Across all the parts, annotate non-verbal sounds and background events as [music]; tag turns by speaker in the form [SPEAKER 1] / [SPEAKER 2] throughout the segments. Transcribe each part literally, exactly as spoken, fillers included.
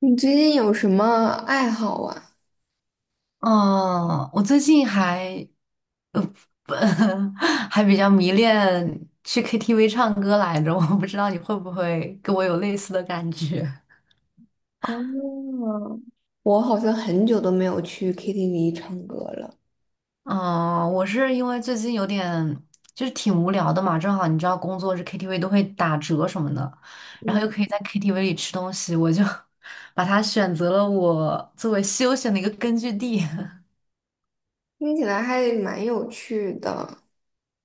[SPEAKER 1] 你最近有什么爱好啊？
[SPEAKER 2] 嗯，我最近还，呃，不 [laughs] 还比较迷恋去 K T V 唱歌来着，我不知道你会不会跟我有类似的感觉。
[SPEAKER 1] 哦，我好像很久都没有去 K T V 唱歌了，
[SPEAKER 2] [laughs] 嗯，我是因为最近有点就是挺无聊的嘛，正好你知道工作日 K T V 都会打折什么的，然后又可以在 K T V 里吃东西，我就 [laughs] 把它选择了我作为休闲的一个根据地。[laughs]
[SPEAKER 1] 听起来还蛮有趣的。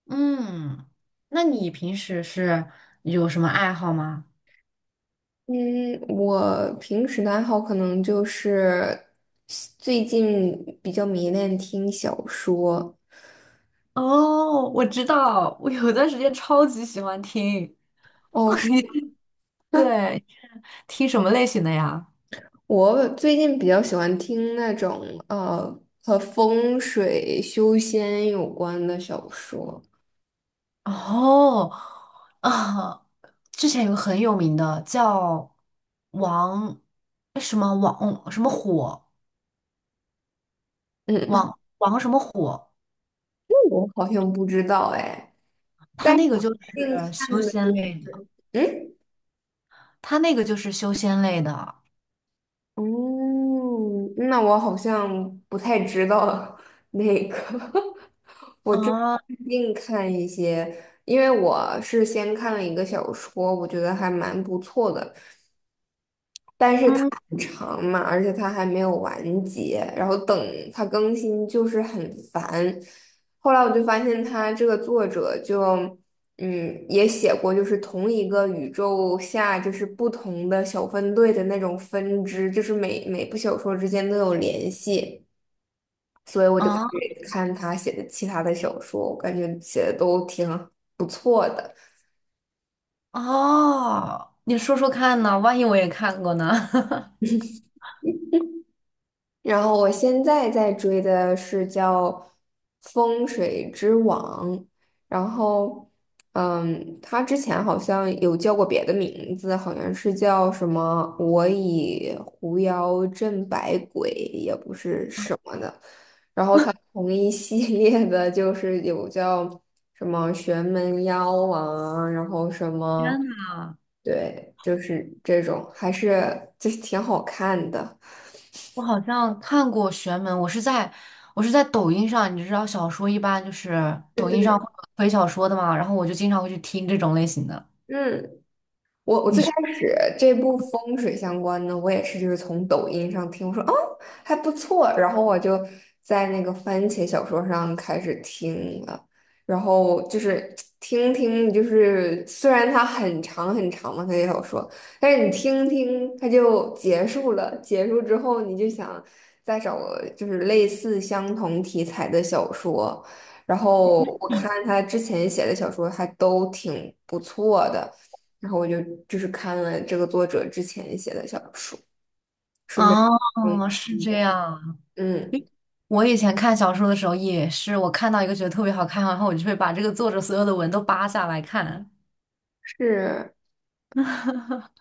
[SPEAKER 2] 嗯，那你平时是有什么爱好吗？
[SPEAKER 1] 嗯，我平时的爱好可能就是最近比较迷恋听小说。
[SPEAKER 2] 哦，我知道，我有段时间超级喜欢听。
[SPEAKER 1] 哦，
[SPEAKER 2] [laughs]
[SPEAKER 1] 是
[SPEAKER 2] 你对，听什么类型的呀？
[SPEAKER 1] 我最近比较喜欢听那种呃和风水修仙有关的小说。
[SPEAKER 2] 哦，啊，之前有个很有名的叫王，哎什么王什么火，
[SPEAKER 1] 嗯，
[SPEAKER 2] 王王什么火，
[SPEAKER 1] [laughs] 我好像不知道哎。
[SPEAKER 2] 他
[SPEAKER 1] 但是
[SPEAKER 2] 那个
[SPEAKER 1] 我
[SPEAKER 2] 就是
[SPEAKER 1] 近
[SPEAKER 2] 修
[SPEAKER 1] 看的，
[SPEAKER 2] 仙类的，
[SPEAKER 1] 嗯，
[SPEAKER 2] 他那个就是修仙类的啊，
[SPEAKER 1] 哦，那我好像不太知道 [laughs] 那个，[laughs] 我这近看一些，因为我是先看了一个小说，我觉得还蛮不错的，但是它
[SPEAKER 2] 嗯
[SPEAKER 1] 很长嘛，而且它还没有完结，然后等它更新就是很烦。后来我就发现他这个作者就，嗯，也写过就是同一个宇宙下就是不同的小分队的那种分支，就是每每部小说之间都有联系，所以我就开
[SPEAKER 2] 啊
[SPEAKER 1] 始看他写的其他的小说，我感觉写的都挺好。
[SPEAKER 2] 哦，你说说看呢？万一我也看过呢？[laughs]
[SPEAKER 1] 然后我现在在追的是叫《风水之王》，然后，嗯，他之前好像有叫过别的名字，好像是叫什么"我以狐妖镇百鬼"，也不是什么的，同一系列的，就是有叫什么玄门妖啊，然后什
[SPEAKER 2] 天
[SPEAKER 1] 么，
[SPEAKER 2] 呐！
[SPEAKER 1] 对，就是这种，还是就是挺好看的。
[SPEAKER 2] 我好像看过玄门，我是在我是在抖音上，你知道小说一般就是
[SPEAKER 1] 对
[SPEAKER 2] 抖音上
[SPEAKER 1] 对，
[SPEAKER 2] 会有推小说的嘛，然后我就经常会去听这种类型的。
[SPEAKER 1] 嗯。我我
[SPEAKER 2] 你
[SPEAKER 1] 最开
[SPEAKER 2] 是
[SPEAKER 1] 始这部风水相关的，我也是就是从抖音上听，我说哦还不错，然后我就在那个番茄小说上开始听了，然后就是听听，就是虽然它很长很长嘛，它也小说，但是你听听它就结束了，结束之后你就想再找个就是类似相同题材的小说，然后我看他之前写的小说还都挺不错的。然后我就就是看了这个作者之前写的小说，顺便
[SPEAKER 2] 啊，
[SPEAKER 1] 嗯
[SPEAKER 2] 是
[SPEAKER 1] 一
[SPEAKER 2] 这
[SPEAKER 1] 点。
[SPEAKER 2] 样。
[SPEAKER 1] 嗯，
[SPEAKER 2] 我以前看小说的时候也是，我看到一个觉得特别好看，然后我就会把这个作者所有的文都扒下来看。
[SPEAKER 1] 是，
[SPEAKER 2] [laughs]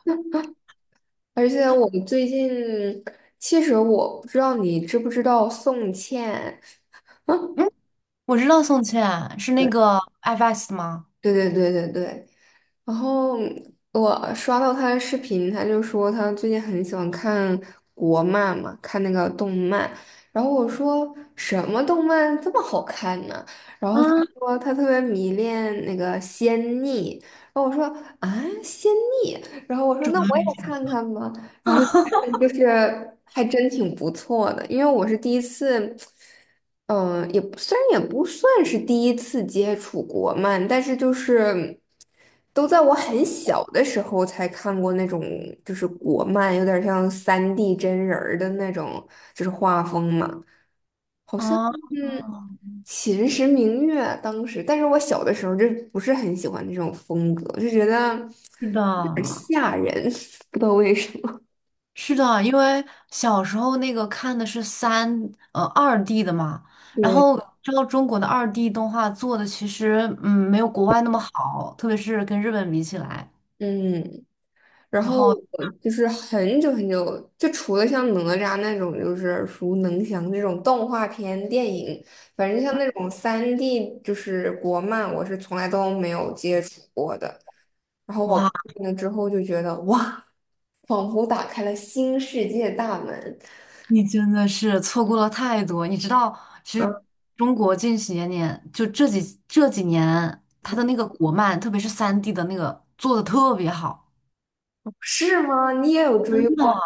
[SPEAKER 1] 而且我最近，其实我不知道你知不知道宋茜，
[SPEAKER 2] 嗯，我知道宋茜是那
[SPEAKER 1] [laughs]
[SPEAKER 2] 个 F X 吗？
[SPEAKER 1] 对对对对对，然后我刷到他的视频，他就说他最近很喜欢看国漫嘛，看那个动漫。然后我说什么动漫这么好看呢？然
[SPEAKER 2] 啊，
[SPEAKER 1] 后他
[SPEAKER 2] 么？
[SPEAKER 1] 说他特别迷恋那个仙逆。然后我说啊，仙逆。然后我说那我也看看吧。然后就是还真挺不错的，因为我是第一次，嗯、也不虽然也不算是第一次接触国漫，但是就是都在我很小的时候才看过那种就是国漫，有点像三 d 真人儿的那种，就是画风嘛。
[SPEAKER 2] 啊，
[SPEAKER 1] 嗯，秦时明月当时，但是我小的时候就不是很喜欢那种风格，就觉得
[SPEAKER 2] 是
[SPEAKER 1] 有点
[SPEAKER 2] 的，
[SPEAKER 1] 吓人，[laughs] 不知道为什么。
[SPEAKER 2] 是的，因为小时候那个看的是三呃二 D 的嘛，然
[SPEAKER 1] 对，
[SPEAKER 2] 后知道中国的二 D 动画做的其实嗯没有国外那么好，特别是跟日本比起来。
[SPEAKER 1] 嗯。然
[SPEAKER 2] 然
[SPEAKER 1] 后
[SPEAKER 2] 后 [laughs]
[SPEAKER 1] 我就是很久很久，就除了像哪吒那种就是耳熟能详这种动画片电影，反正像那种三 d 就是国漫，我是从来都没有接触过的。然后我
[SPEAKER 2] 哇，
[SPEAKER 1] 看了之后就觉得哇，仿佛打开了新世界大门。
[SPEAKER 2] 你真的是错过了太多。你知道，其实
[SPEAKER 1] 嗯
[SPEAKER 2] 中国近些年年就这几这几年，它的那个国漫，特别是三 D 的那个做的特别好。
[SPEAKER 1] 是吗？你也有
[SPEAKER 2] 真
[SPEAKER 1] 追
[SPEAKER 2] 的。
[SPEAKER 1] 过？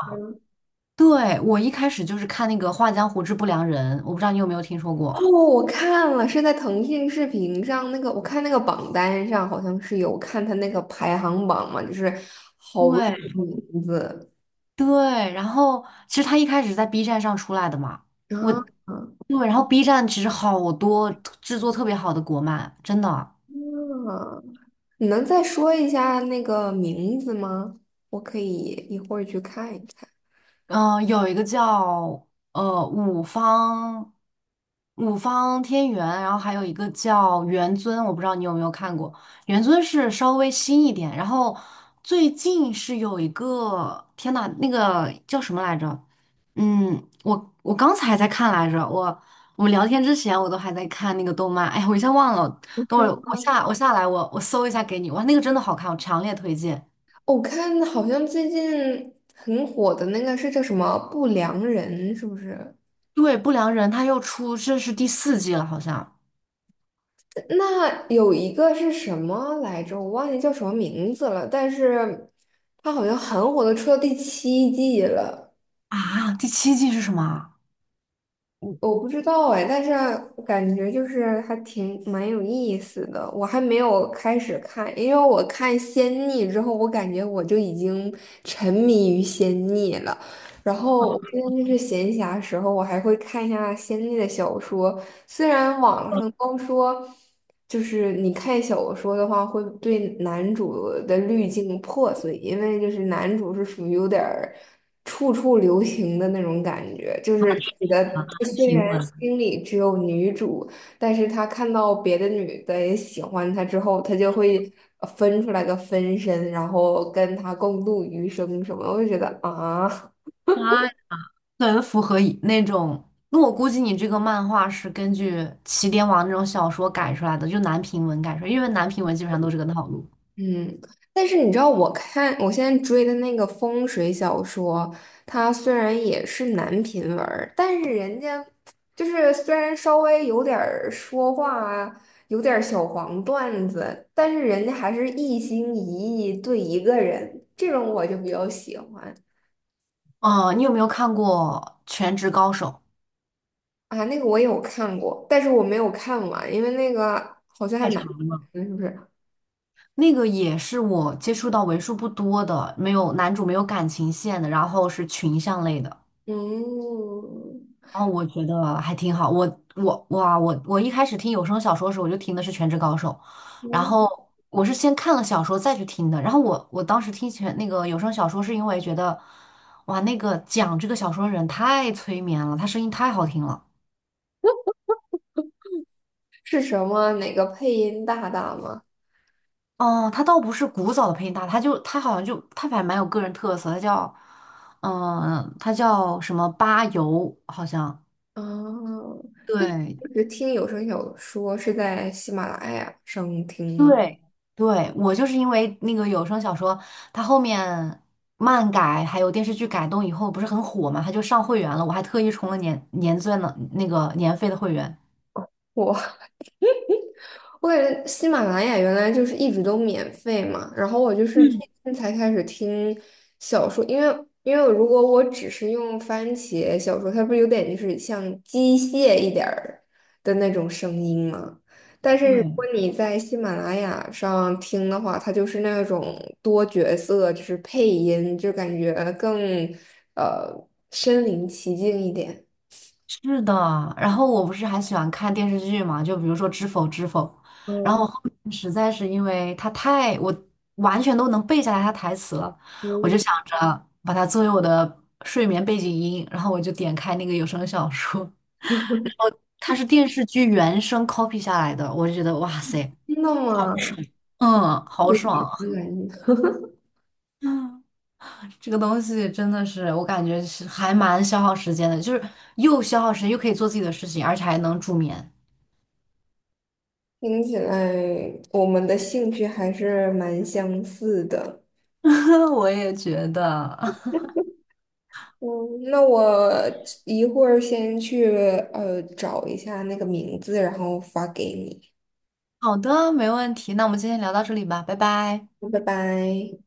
[SPEAKER 2] 对，我一开始就是看那个《画江湖之不良人》，我不知道你有没有听说
[SPEAKER 1] 哦，
[SPEAKER 2] 过。
[SPEAKER 1] 我看了，是在腾讯视频上那个，我看那个榜单上好像是有看他那个排行榜嘛，就是好多好多
[SPEAKER 2] 对，
[SPEAKER 1] 名字
[SPEAKER 2] 对，然后其实他一开始在 B 站上出来的嘛，
[SPEAKER 1] 啊
[SPEAKER 2] 我
[SPEAKER 1] 啊！
[SPEAKER 2] 对，然后 B 站其实好多制作特别好的国漫，真的，
[SPEAKER 1] 你能再说一下那个名字吗？我可以一会儿去看一看。
[SPEAKER 2] 嗯、有一个叫呃五方，五方天元，然后还有一个叫元尊，我不知道你有没有看过，元尊是稍微新一点，然后最近是有一个，天呐，那个叫什么来着？嗯，我我刚才还在看来着，我我们聊天之前我都还在看那个动漫，哎呀，我一下忘了，等会儿我下我下来我我搜一下给你，哇，那个真的好看，我强烈推荐。
[SPEAKER 1] 哦我看好像最近很火的那个是叫什么《不良人》，是不是？
[SPEAKER 2] 对，不良人他又出，这是第四季了，好像
[SPEAKER 1] 那有一个是什么来着？我忘记叫什么名字了，但是它好像很火的，出到第七季了，
[SPEAKER 2] 啊，第七季是什么啊？
[SPEAKER 1] 我不知道哎，但是感觉就是还挺蛮有意思的。我还没有开始看，因为我看《仙逆》之后，我感觉我就已经沉迷于《仙逆》了。然后我现在就是闲暇时候，我还会看一下仙逆的小说。虽然网上都说，就是你看小说的话，会对男主的滤镜破碎，因为就是男主是属于有点儿处处留情的那种感觉，就是他觉得他虽
[SPEAKER 2] 平
[SPEAKER 1] 然
[SPEAKER 2] 文，
[SPEAKER 1] 心里只有女主，但是他看到别的女的也喜欢他之后，他就会呃分出来个分身，然后跟他共度余生什么的我就觉得啊。
[SPEAKER 2] 啊，很符合以那种，那我估计你这个漫画是根据起点网那种小说改出来的，就男频文改出来，因为男频文基本上都是这个套路。
[SPEAKER 1] 嗯，但是你知道，我看我现在追的那个风水小说，它虽然也是男频文儿，但是人家就是虽然稍微有点儿说话啊，有点儿小黄段子，但是人家还是一心一意对一个人，这种我就比较喜欢
[SPEAKER 2] 嗯，你有没有看过《全职高手》？
[SPEAKER 1] 啊。那个我有看过，但是我没有看完，因为那个好像还
[SPEAKER 2] 太
[SPEAKER 1] 蛮，
[SPEAKER 2] 长了。
[SPEAKER 1] 嗯，是不是？
[SPEAKER 2] 那个也是我接触到为数不多的，没有男主没有感情线的，然后是群像类的，
[SPEAKER 1] 嗯，
[SPEAKER 2] 然后我觉得还挺好。我我哇，我我一开始听有声小说的时候，我就听的是《全职高手》，然后
[SPEAKER 1] 嗯
[SPEAKER 2] 我是先看了小说再去听的。然后我我当时听全那个有声小说，是因为觉得哇，那个讲这个小说的人太催眠了，他声音太好听了。
[SPEAKER 1] 是什么？哪个配音大大吗？
[SPEAKER 2] 哦，他倒不是古早的配音大，他就他好像就他反正蛮有个人特色，他叫，嗯，他叫什么巴油，好像
[SPEAKER 1] 哦，那你
[SPEAKER 2] 对，
[SPEAKER 1] 一直听有声小说是在喜马拉雅上听吗？
[SPEAKER 2] 对对，我就是因为那个有声小说，它后面漫改还有电视剧改动以后不是很火嘛，他就上会员了，我还特意充了年年钻的那个年费的会员。
[SPEAKER 1] 我我感觉喜马拉雅原来就是一直都免费嘛，然后我就是最近才开始听小说，因为因为如果我只是用番茄小说，它不是有点就是像机械一点儿的那种声音吗？但是如果
[SPEAKER 2] 对，
[SPEAKER 1] 你在喜马拉雅上听的话，它就是那种多角色，就是配音，就感觉更呃身临其境一点。
[SPEAKER 2] 是的，然后我不是还喜欢看电视剧嘛，就比如说《知否知否》，然后
[SPEAKER 1] 嗯，
[SPEAKER 2] 我后面实在是因为它太，我完全都能背下来它台词了，我就想着把它作为我的睡眠背景音，然后我就点开那个有声小说，它是电视剧原声 copy 下来的，我就觉得哇塞，
[SPEAKER 1] 听到真的吗？
[SPEAKER 2] 嗯，好爽。
[SPEAKER 1] 嗯
[SPEAKER 2] 嗯，这个东西真的是，我感觉是还蛮消耗时间的，就是又消耗时间，又可以做自己的事情，而且还能助眠。
[SPEAKER 1] 听起来我们的兴趣还是蛮相似的。
[SPEAKER 2] [laughs] 我也觉得。
[SPEAKER 1] 嗯，那我一会儿先去呃找一下那个名字，然后发给你。
[SPEAKER 2] 好的，没问题。那我们今天聊到这里吧，拜拜。
[SPEAKER 1] 拜拜。